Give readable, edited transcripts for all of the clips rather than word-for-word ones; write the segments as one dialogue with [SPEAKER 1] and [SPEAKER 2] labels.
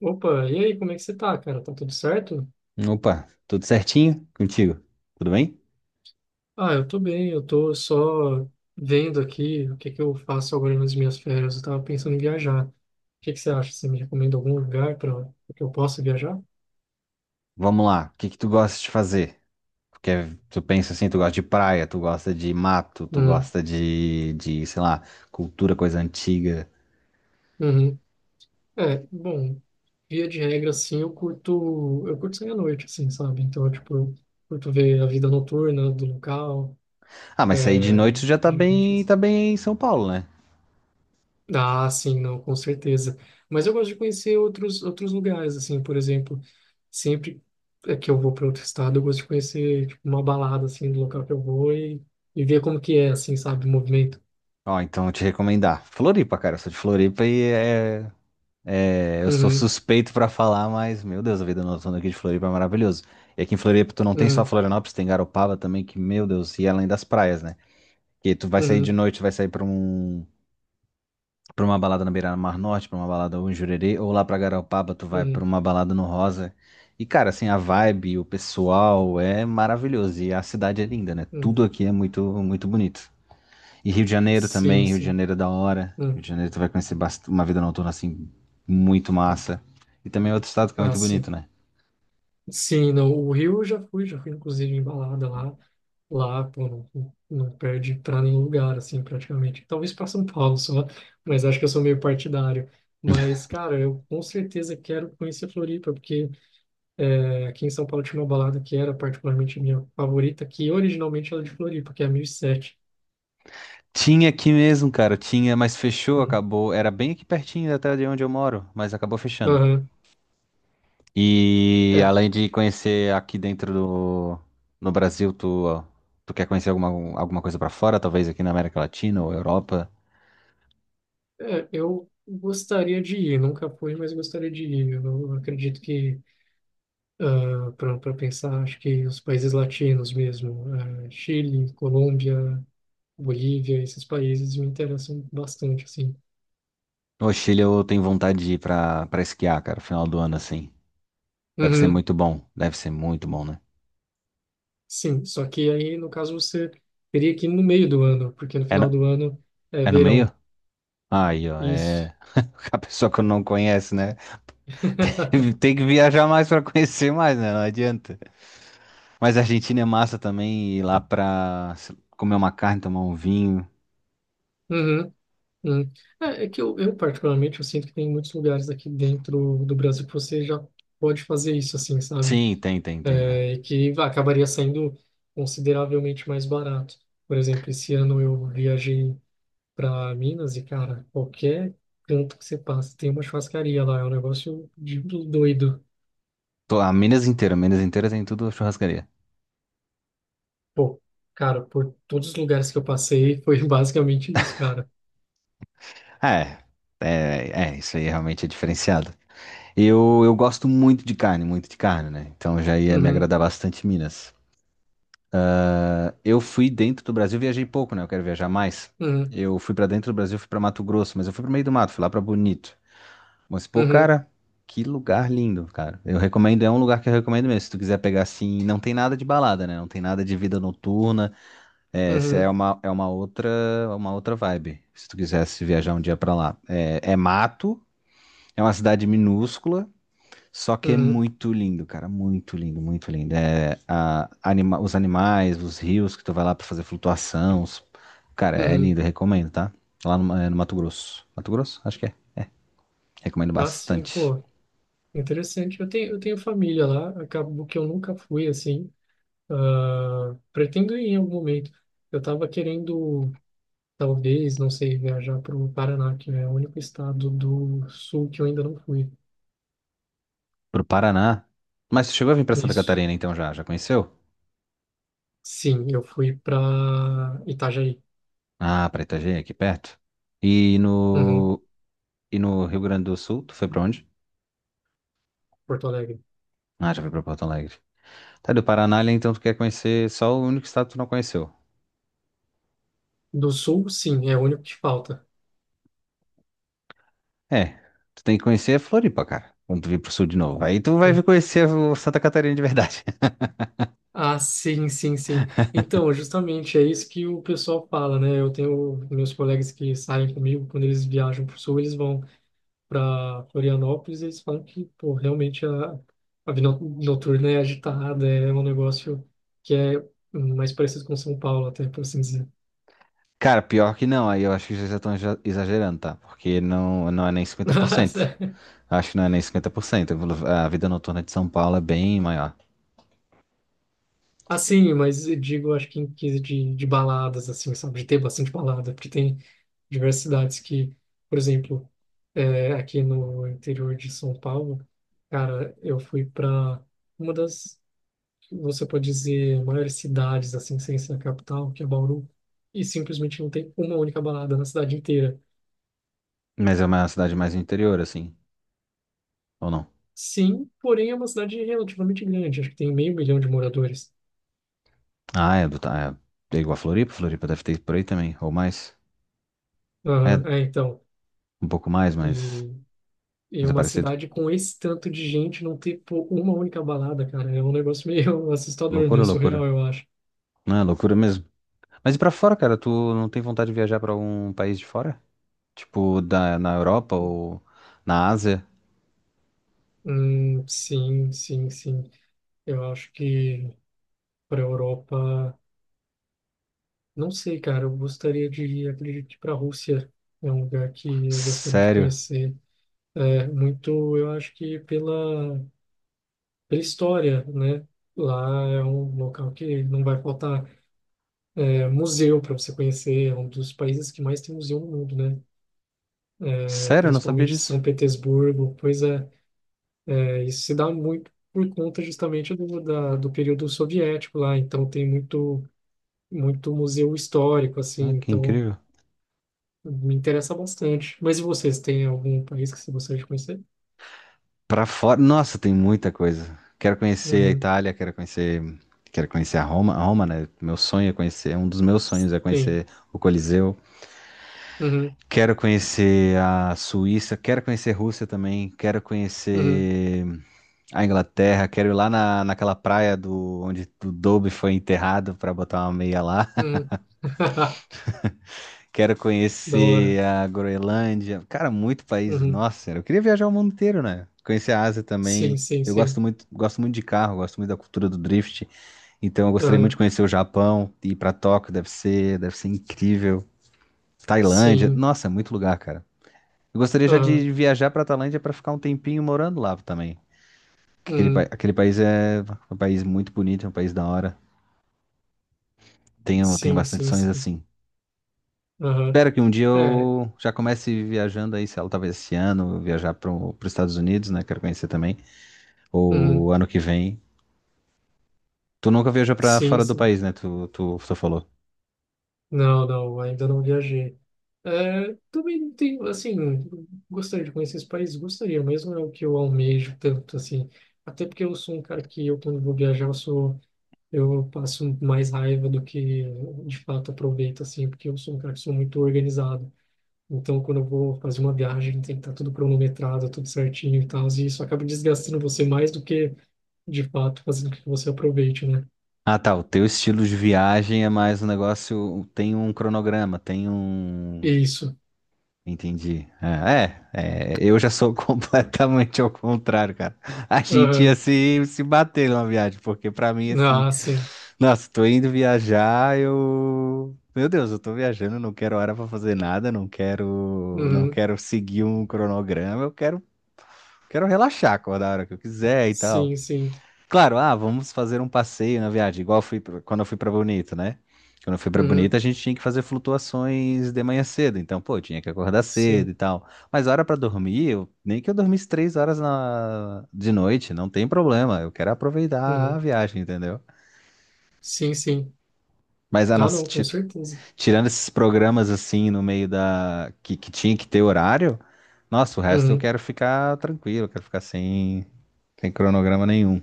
[SPEAKER 1] Opa, e aí, como é que você tá, cara? Tá tudo certo?
[SPEAKER 2] Opa, tudo certinho contigo? Tudo bem?
[SPEAKER 1] Ah, eu tô bem, eu tô só vendo aqui o que que eu faço agora nas minhas férias. Eu tava pensando em viajar. O que que você acha? Você me recomenda algum lugar para que eu possa viajar?
[SPEAKER 2] Vamos lá, o que que tu gosta de fazer? Porque tu pensa assim, tu gosta de praia, tu gosta de mato, tu
[SPEAKER 1] Hum.
[SPEAKER 2] gosta de, sei lá, cultura, coisa antiga.
[SPEAKER 1] Uhum. É, bom, via de regra, assim, eu curto sair à noite, assim, sabe? Então, tipo, eu curto ver a vida noturna do local,
[SPEAKER 2] Ah, mas sair de
[SPEAKER 1] é,
[SPEAKER 2] noite tu já
[SPEAKER 1] geralmente.
[SPEAKER 2] tá bem em São Paulo, né?
[SPEAKER 1] Ah, sim, não, com certeza. Mas eu gosto de conhecer outros lugares, assim, por exemplo, sempre é que eu vou para outro estado, eu gosto de conhecer, tipo, uma balada, assim, do local que eu vou, e ver como que é, assim, sabe, o movimento.
[SPEAKER 2] Ó, então eu te recomendar. Floripa, cara, eu sou de Floripa e, eu sou
[SPEAKER 1] Uhum.
[SPEAKER 2] suspeito pra falar, mas, meu Deus, a vida noturna aqui de Floripa é maravilhoso. E aqui em Floripa tu não tem só
[SPEAKER 1] Uhum.
[SPEAKER 2] Florianópolis, tem Garopaba também, que, meu Deus, e além das praias, né? Que tu vai sair de
[SPEAKER 1] Uhum.
[SPEAKER 2] noite, vai sair pra uma balada na Beira-Mar Norte, pra uma balada ou em Jurerê, ou lá pra Garopaba, tu vai pra
[SPEAKER 1] Uhum.
[SPEAKER 2] uma balada no Rosa. E, cara, assim, a vibe, o pessoal é maravilhoso. E a cidade é linda, né?
[SPEAKER 1] Uhum.
[SPEAKER 2] Tudo aqui é muito, muito bonito. E Rio de Janeiro
[SPEAKER 1] Sim,
[SPEAKER 2] também, Rio de
[SPEAKER 1] sim.
[SPEAKER 2] Janeiro é da hora. Rio
[SPEAKER 1] Uhum.
[SPEAKER 2] de Janeiro tu vai conhecer uma vida noturna, assim, muito massa. E também é outro estado que é
[SPEAKER 1] Ah,
[SPEAKER 2] muito bonito,
[SPEAKER 1] sim.
[SPEAKER 2] né?
[SPEAKER 1] Sim, não, o Rio eu já fui inclusive em balada lá. Lá, pô, não, não perde pra nenhum lugar, assim, praticamente. Talvez pra São Paulo só, mas acho que eu sou meio partidário. Mas, cara, eu com certeza quero conhecer Floripa, porque é, aqui em São Paulo tinha uma balada que era particularmente minha favorita, que originalmente era de Floripa, que é a 1007.
[SPEAKER 2] Tinha aqui mesmo, cara, tinha, mas fechou,
[SPEAKER 1] Hum.
[SPEAKER 2] acabou. Era bem aqui pertinho até de onde eu moro, mas acabou fechando.
[SPEAKER 1] Aham.
[SPEAKER 2] E
[SPEAKER 1] É,
[SPEAKER 2] além de conhecer aqui dentro do no Brasil, tu, tu quer conhecer alguma coisa pra fora? Talvez aqui na América Latina ou Europa?
[SPEAKER 1] é, eu gostaria de ir, nunca fui, mas gostaria de ir. Eu acredito que para pensar, acho que os países latinos mesmo, Chile, Colômbia, Bolívia, esses países me interessam bastante, assim.
[SPEAKER 2] No Chile eu tenho vontade de ir pra esquiar, cara, final do ano assim. Deve ser
[SPEAKER 1] Uhum,
[SPEAKER 2] muito bom. Deve ser muito bom, né?
[SPEAKER 1] sim, só que aí, no caso, você teria que ir no meio do ano, porque no
[SPEAKER 2] É
[SPEAKER 1] final
[SPEAKER 2] no,
[SPEAKER 1] do ano é
[SPEAKER 2] é no
[SPEAKER 1] verão.
[SPEAKER 2] meio? Aí, ó,
[SPEAKER 1] Isso.
[SPEAKER 2] é a pessoa que não conhece, né? Tem que viajar mais pra conhecer mais, né? Não adianta. Mas a Argentina é massa também, ir lá pra comer uma carne, tomar um vinho.
[SPEAKER 1] Uhum, uhum. É que eu, particularmente, eu sinto que tem muitos lugares aqui dentro do Brasil que você já pode fazer isso, assim, sabe?
[SPEAKER 2] Sim, tem, tem, tem. É.
[SPEAKER 1] É, e que acabaria saindo consideravelmente mais barato. Por exemplo, esse ano eu viajei para Minas e, cara, qualquer canto que você passa tem uma churrascaria lá, é um negócio de doido.
[SPEAKER 2] A Minas inteira tem tudo churrascaria.
[SPEAKER 1] Pô, cara, por todos os lugares que eu passei foi basicamente isso, cara.
[SPEAKER 2] É, é, isso aí realmente é diferenciado. Eu gosto muito de carne, né? Então já ia me
[SPEAKER 1] Uhum.
[SPEAKER 2] agradar bastante Minas. Ah, eu fui dentro do Brasil, viajei pouco, né? Eu quero viajar mais.
[SPEAKER 1] Uhum.
[SPEAKER 2] Eu fui pra dentro do Brasil, fui pra Mato Grosso, mas eu fui pro meio do mato, fui lá pra Bonito. Mas, pô,
[SPEAKER 1] Uhum.
[SPEAKER 2] cara, que lugar lindo, cara. Eu recomendo, é um lugar que eu recomendo mesmo. Se tu quiser pegar assim, não tem nada de balada, né? Não tem nada de vida noturna. É, essa
[SPEAKER 1] Uhum.
[SPEAKER 2] é uma outra vibe, se tu quisesse viajar um dia pra lá. É, é mato, é uma cidade minúscula, só que é
[SPEAKER 1] Uhum.
[SPEAKER 2] muito lindo, cara, muito lindo, muito lindo. É, os animais, os rios que tu vai lá pra fazer flutuação, cara, é lindo,
[SPEAKER 1] Uhum.
[SPEAKER 2] recomendo, tá? Lá no, é no Mato Grosso. Mato Grosso? Acho que é. Recomendo
[SPEAKER 1] Ah, sim,
[SPEAKER 2] bastante.
[SPEAKER 1] pô, interessante. Eu tenho família lá, acabo que eu nunca fui assim. Ah, pretendo ir em algum momento. Eu tava querendo. Talvez, não sei, viajar para o Paraná, que é o único estado do sul que eu ainda não fui.
[SPEAKER 2] Pro Paraná. Mas tu chegou a vir pra Santa
[SPEAKER 1] Isso.
[SPEAKER 2] Catarina então já? Já conheceu?
[SPEAKER 1] Sim, eu fui para Itajaí.
[SPEAKER 2] Ah, pra Itajaí, aqui perto. E
[SPEAKER 1] Uhum.
[SPEAKER 2] no, e no Rio Grande do Sul, tu foi pra onde?
[SPEAKER 1] Porto Alegre.
[SPEAKER 2] Ah, já foi pra Porto Alegre. Tá, do Paraná, ali, então tu quer conhecer só o único estado que tu não conheceu.
[SPEAKER 1] Do sul, sim, é o único que falta.
[SPEAKER 2] É, tu tem que conhecer a Floripa, cara. Quando tu vir pro sul de novo. Aí tu vai vir
[SPEAKER 1] Hum.
[SPEAKER 2] conhecer o Santa Catarina de verdade.
[SPEAKER 1] Ah, sim, sim, sim. Então, justamente é isso que o pessoal fala, né? Eu tenho meus colegas que saem comigo, quando eles viajam para o sul, eles vão para Florianópolis, eles falam que, pô, realmente a vida noturna é agitada, é um negócio que é mais parecido com São Paulo, até, por assim dizer.
[SPEAKER 2] Cara, pior que não, aí eu acho que vocês já estão exagerando, tá? Porque não, não é nem 50%. Acho que não é nem 50%. A vida noturna de São Paulo é bem maior.
[SPEAKER 1] Assim, mas eu digo, acho que em quesito de baladas, assim, sabe, de ter bastante balada, porque tem diversas cidades que, por exemplo, é, aqui no interior de São Paulo, cara, eu fui para uma das, você pode dizer, maiores cidades, assim, sem ser a capital, que é Bauru, e simplesmente não tem uma única balada na cidade inteira.
[SPEAKER 2] Mas é uma cidade mais interior, assim. Ou não?
[SPEAKER 1] Sim, porém é uma cidade relativamente grande, acho que tem meio milhão de moradores.
[SPEAKER 2] Ah, é, do, tá, é, é igual a Floripa. Floripa deve ter por aí também. Ou mais. É,
[SPEAKER 1] Aham, é, então.
[SPEAKER 2] um pouco mais,
[SPEAKER 1] E, e
[SPEAKER 2] mas é
[SPEAKER 1] uma
[SPEAKER 2] parecido.
[SPEAKER 1] cidade com esse tanto de gente não ter, pô, uma única balada, cara, é um negócio meio assustador,
[SPEAKER 2] Loucura,
[SPEAKER 1] meio
[SPEAKER 2] loucura.
[SPEAKER 1] surreal, eu acho.
[SPEAKER 2] Não, é loucura mesmo. Mas e pra fora, cara? Tu não tem vontade de viajar pra algum país de fora? Tipo, na Europa ou na Ásia?
[SPEAKER 1] Sim, sim, sim. Eu acho que para a Europa. Não sei, cara. Eu gostaria de ir, acredito que para a Rússia é um lugar que eu gostaria de
[SPEAKER 2] Sério?
[SPEAKER 1] conhecer. É muito, eu acho que pela história, né? Lá é um local que não vai faltar museu para você conhecer. É um dos países que mais tem museu no mundo, né? É,
[SPEAKER 2] Sério, eu não sabia
[SPEAKER 1] principalmente São
[SPEAKER 2] disso.
[SPEAKER 1] Petersburgo. Pois é, isso se dá muito por conta justamente do período soviético lá. Então tem muito muito museu histórico, assim.
[SPEAKER 2] Ah, que
[SPEAKER 1] Então
[SPEAKER 2] incrível.
[SPEAKER 1] me interessa bastante. Mas e vocês, tem algum país que você gostaria de conhecer?
[SPEAKER 2] Pra fora, nossa, tem muita coisa. Quero conhecer a
[SPEAKER 1] Uhum.
[SPEAKER 2] Itália, quero conhecer a Roma, né? Meu sonho é conhecer, um dos meus sonhos é
[SPEAKER 1] Sim.
[SPEAKER 2] conhecer o Coliseu.
[SPEAKER 1] Uhum.
[SPEAKER 2] Quero conhecer a Suíça, quero conhecer a Rússia também, quero
[SPEAKER 1] Uhum.
[SPEAKER 2] conhecer a Inglaterra, quero ir lá naquela praia do onde o Dobby foi enterrado para botar uma meia lá.
[SPEAKER 1] Uhum.
[SPEAKER 2] Quero
[SPEAKER 1] Da hora.
[SPEAKER 2] conhecer a Groenlândia. Cara, muito país.
[SPEAKER 1] Uhum.
[SPEAKER 2] Nossa, eu queria viajar o mundo inteiro, né? Conhecer a Ásia
[SPEAKER 1] Sim,
[SPEAKER 2] também.
[SPEAKER 1] sim,
[SPEAKER 2] Eu
[SPEAKER 1] sim.
[SPEAKER 2] gosto muito de carro, gosto muito da cultura do drift. Então eu gostaria muito de
[SPEAKER 1] Aham.
[SPEAKER 2] conhecer o Japão, ir para Tóquio, deve ser incrível. Tailândia.
[SPEAKER 1] Sim.
[SPEAKER 2] Nossa, muito lugar, cara. Eu gostaria já
[SPEAKER 1] Aham.
[SPEAKER 2] de viajar para a Tailândia para ficar um tempinho morando lá também. Aquele,
[SPEAKER 1] Uhum.
[SPEAKER 2] aquele país é um país muito bonito, é um país da hora. Tenho, tenho
[SPEAKER 1] Sim,
[SPEAKER 2] bastante
[SPEAKER 1] sim,
[SPEAKER 2] sonhos
[SPEAKER 1] sim.
[SPEAKER 2] assim.
[SPEAKER 1] Aham.
[SPEAKER 2] Espero que um dia
[SPEAKER 1] É.
[SPEAKER 2] eu já comece viajando aí, sei lá, talvez esse ano, viajar para os Estados Unidos, né? Quero conhecer também.
[SPEAKER 1] Uhum.
[SPEAKER 2] Ou ano que vem. Tu nunca viajou para
[SPEAKER 1] Sim,
[SPEAKER 2] fora do
[SPEAKER 1] sim.
[SPEAKER 2] país, né? Tu falou.
[SPEAKER 1] Não, não, ainda não viajei. É, também não tenho, assim, gostaria de conhecer esse país, gostaria mesmo, é o que eu almejo tanto, assim. Até porque eu sou um cara que eu, quando vou viajar, eu passo mais raiva do que de fato aproveito, assim, porque eu sou um cara que sou muito organizado. Então, quando eu vou fazer uma viagem, tem que estar tudo cronometrado, tudo certinho e tal, e isso acaba desgastando você mais do que de fato fazendo com que você aproveite, né?
[SPEAKER 2] Ah, tá. O teu estilo de viagem é mais um negócio. Tem um cronograma, tem um
[SPEAKER 1] Isso.
[SPEAKER 2] Entendi. É, eu já sou completamente ao contrário, cara. A gente ia
[SPEAKER 1] Aham.
[SPEAKER 2] se bater numa viagem, porque pra mim, assim,
[SPEAKER 1] Ah, sim.
[SPEAKER 2] nossa, tô indo viajar, eu. Meu Deus, eu tô viajando, não quero hora pra fazer nada, não quero, não
[SPEAKER 1] Uhum.
[SPEAKER 2] quero seguir um cronograma, eu quero, quero relaxar, acordar a hora que eu quiser e tal.
[SPEAKER 1] Sim, sim.
[SPEAKER 2] Claro, ah, vamos fazer um passeio na viagem, igual eu quando eu fui pra Bonito, né? Quando eu fui pra Bonito,
[SPEAKER 1] Uhum.
[SPEAKER 2] a gente tinha que fazer flutuações de manhã cedo, então, pô, eu tinha que acordar cedo
[SPEAKER 1] Sim.
[SPEAKER 2] e tal. Mas hora pra dormir, nem que eu dormisse 3 horas de noite, não tem problema, eu quero aproveitar a
[SPEAKER 1] Uhum.
[SPEAKER 2] viagem, entendeu?
[SPEAKER 1] Sim, sim.
[SPEAKER 2] Mas a não,
[SPEAKER 1] Ah,
[SPEAKER 2] ser-
[SPEAKER 1] não, com
[SPEAKER 2] ti-
[SPEAKER 1] certeza.
[SPEAKER 2] tirando esses programas assim no meio da que tinha que ter horário, nossa, o resto eu
[SPEAKER 1] Uhum.
[SPEAKER 2] quero ficar tranquilo, eu quero ficar sem, sem cronograma nenhum.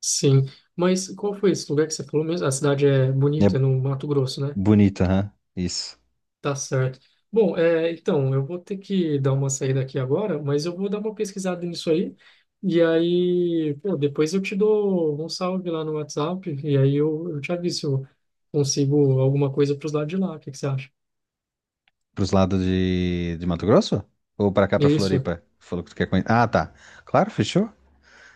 [SPEAKER 1] Sim. Mas qual foi esse lugar que você falou mesmo? A cidade é
[SPEAKER 2] É
[SPEAKER 1] bonita, é no Mato Grosso, né?
[SPEAKER 2] bonito, aham. Isso.
[SPEAKER 1] Tá certo. Bom, então, eu vou ter que dar uma saída aqui agora, mas eu vou dar uma pesquisada nisso aí. E aí, pô, depois eu te dou um salve lá no WhatsApp. E aí eu te aviso se eu consigo alguma coisa para os lados de lá. O que que você acha?
[SPEAKER 2] Pros lados de Mato Grosso? Ou pra cá, pra
[SPEAKER 1] Isso,
[SPEAKER 2] Floripa? Falou que tu quer conhecer. Ah, tá. Claro, fechou.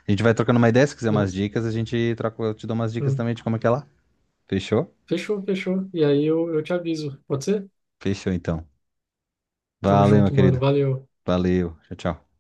[SPEAKER 2] A gente vai trocando uma ideia. Se quiser umas
[SPEAKER 1] beleza?
[SPEAKER 2] dicas, a gente troca. Eu te dou umas dicas
[SPEAKER 1] Hum.
[SPEAKER 2] também de como é que é lá. Fechou?
[SPEAKER 1] Fechou, fechou. E aí eu te aviso. Pode ser?
[SPEAKER 2] Fechou, então.
[SPEAKER 1] Tamo
[SPEAKER 2] Valeu, meu
[SPEAKER 1] junto, mano.
[SPEAKER 2] querido.
[SPEAKER 1] Valeu.
[SPEAKER 2] Valeu. Tchau, tchau.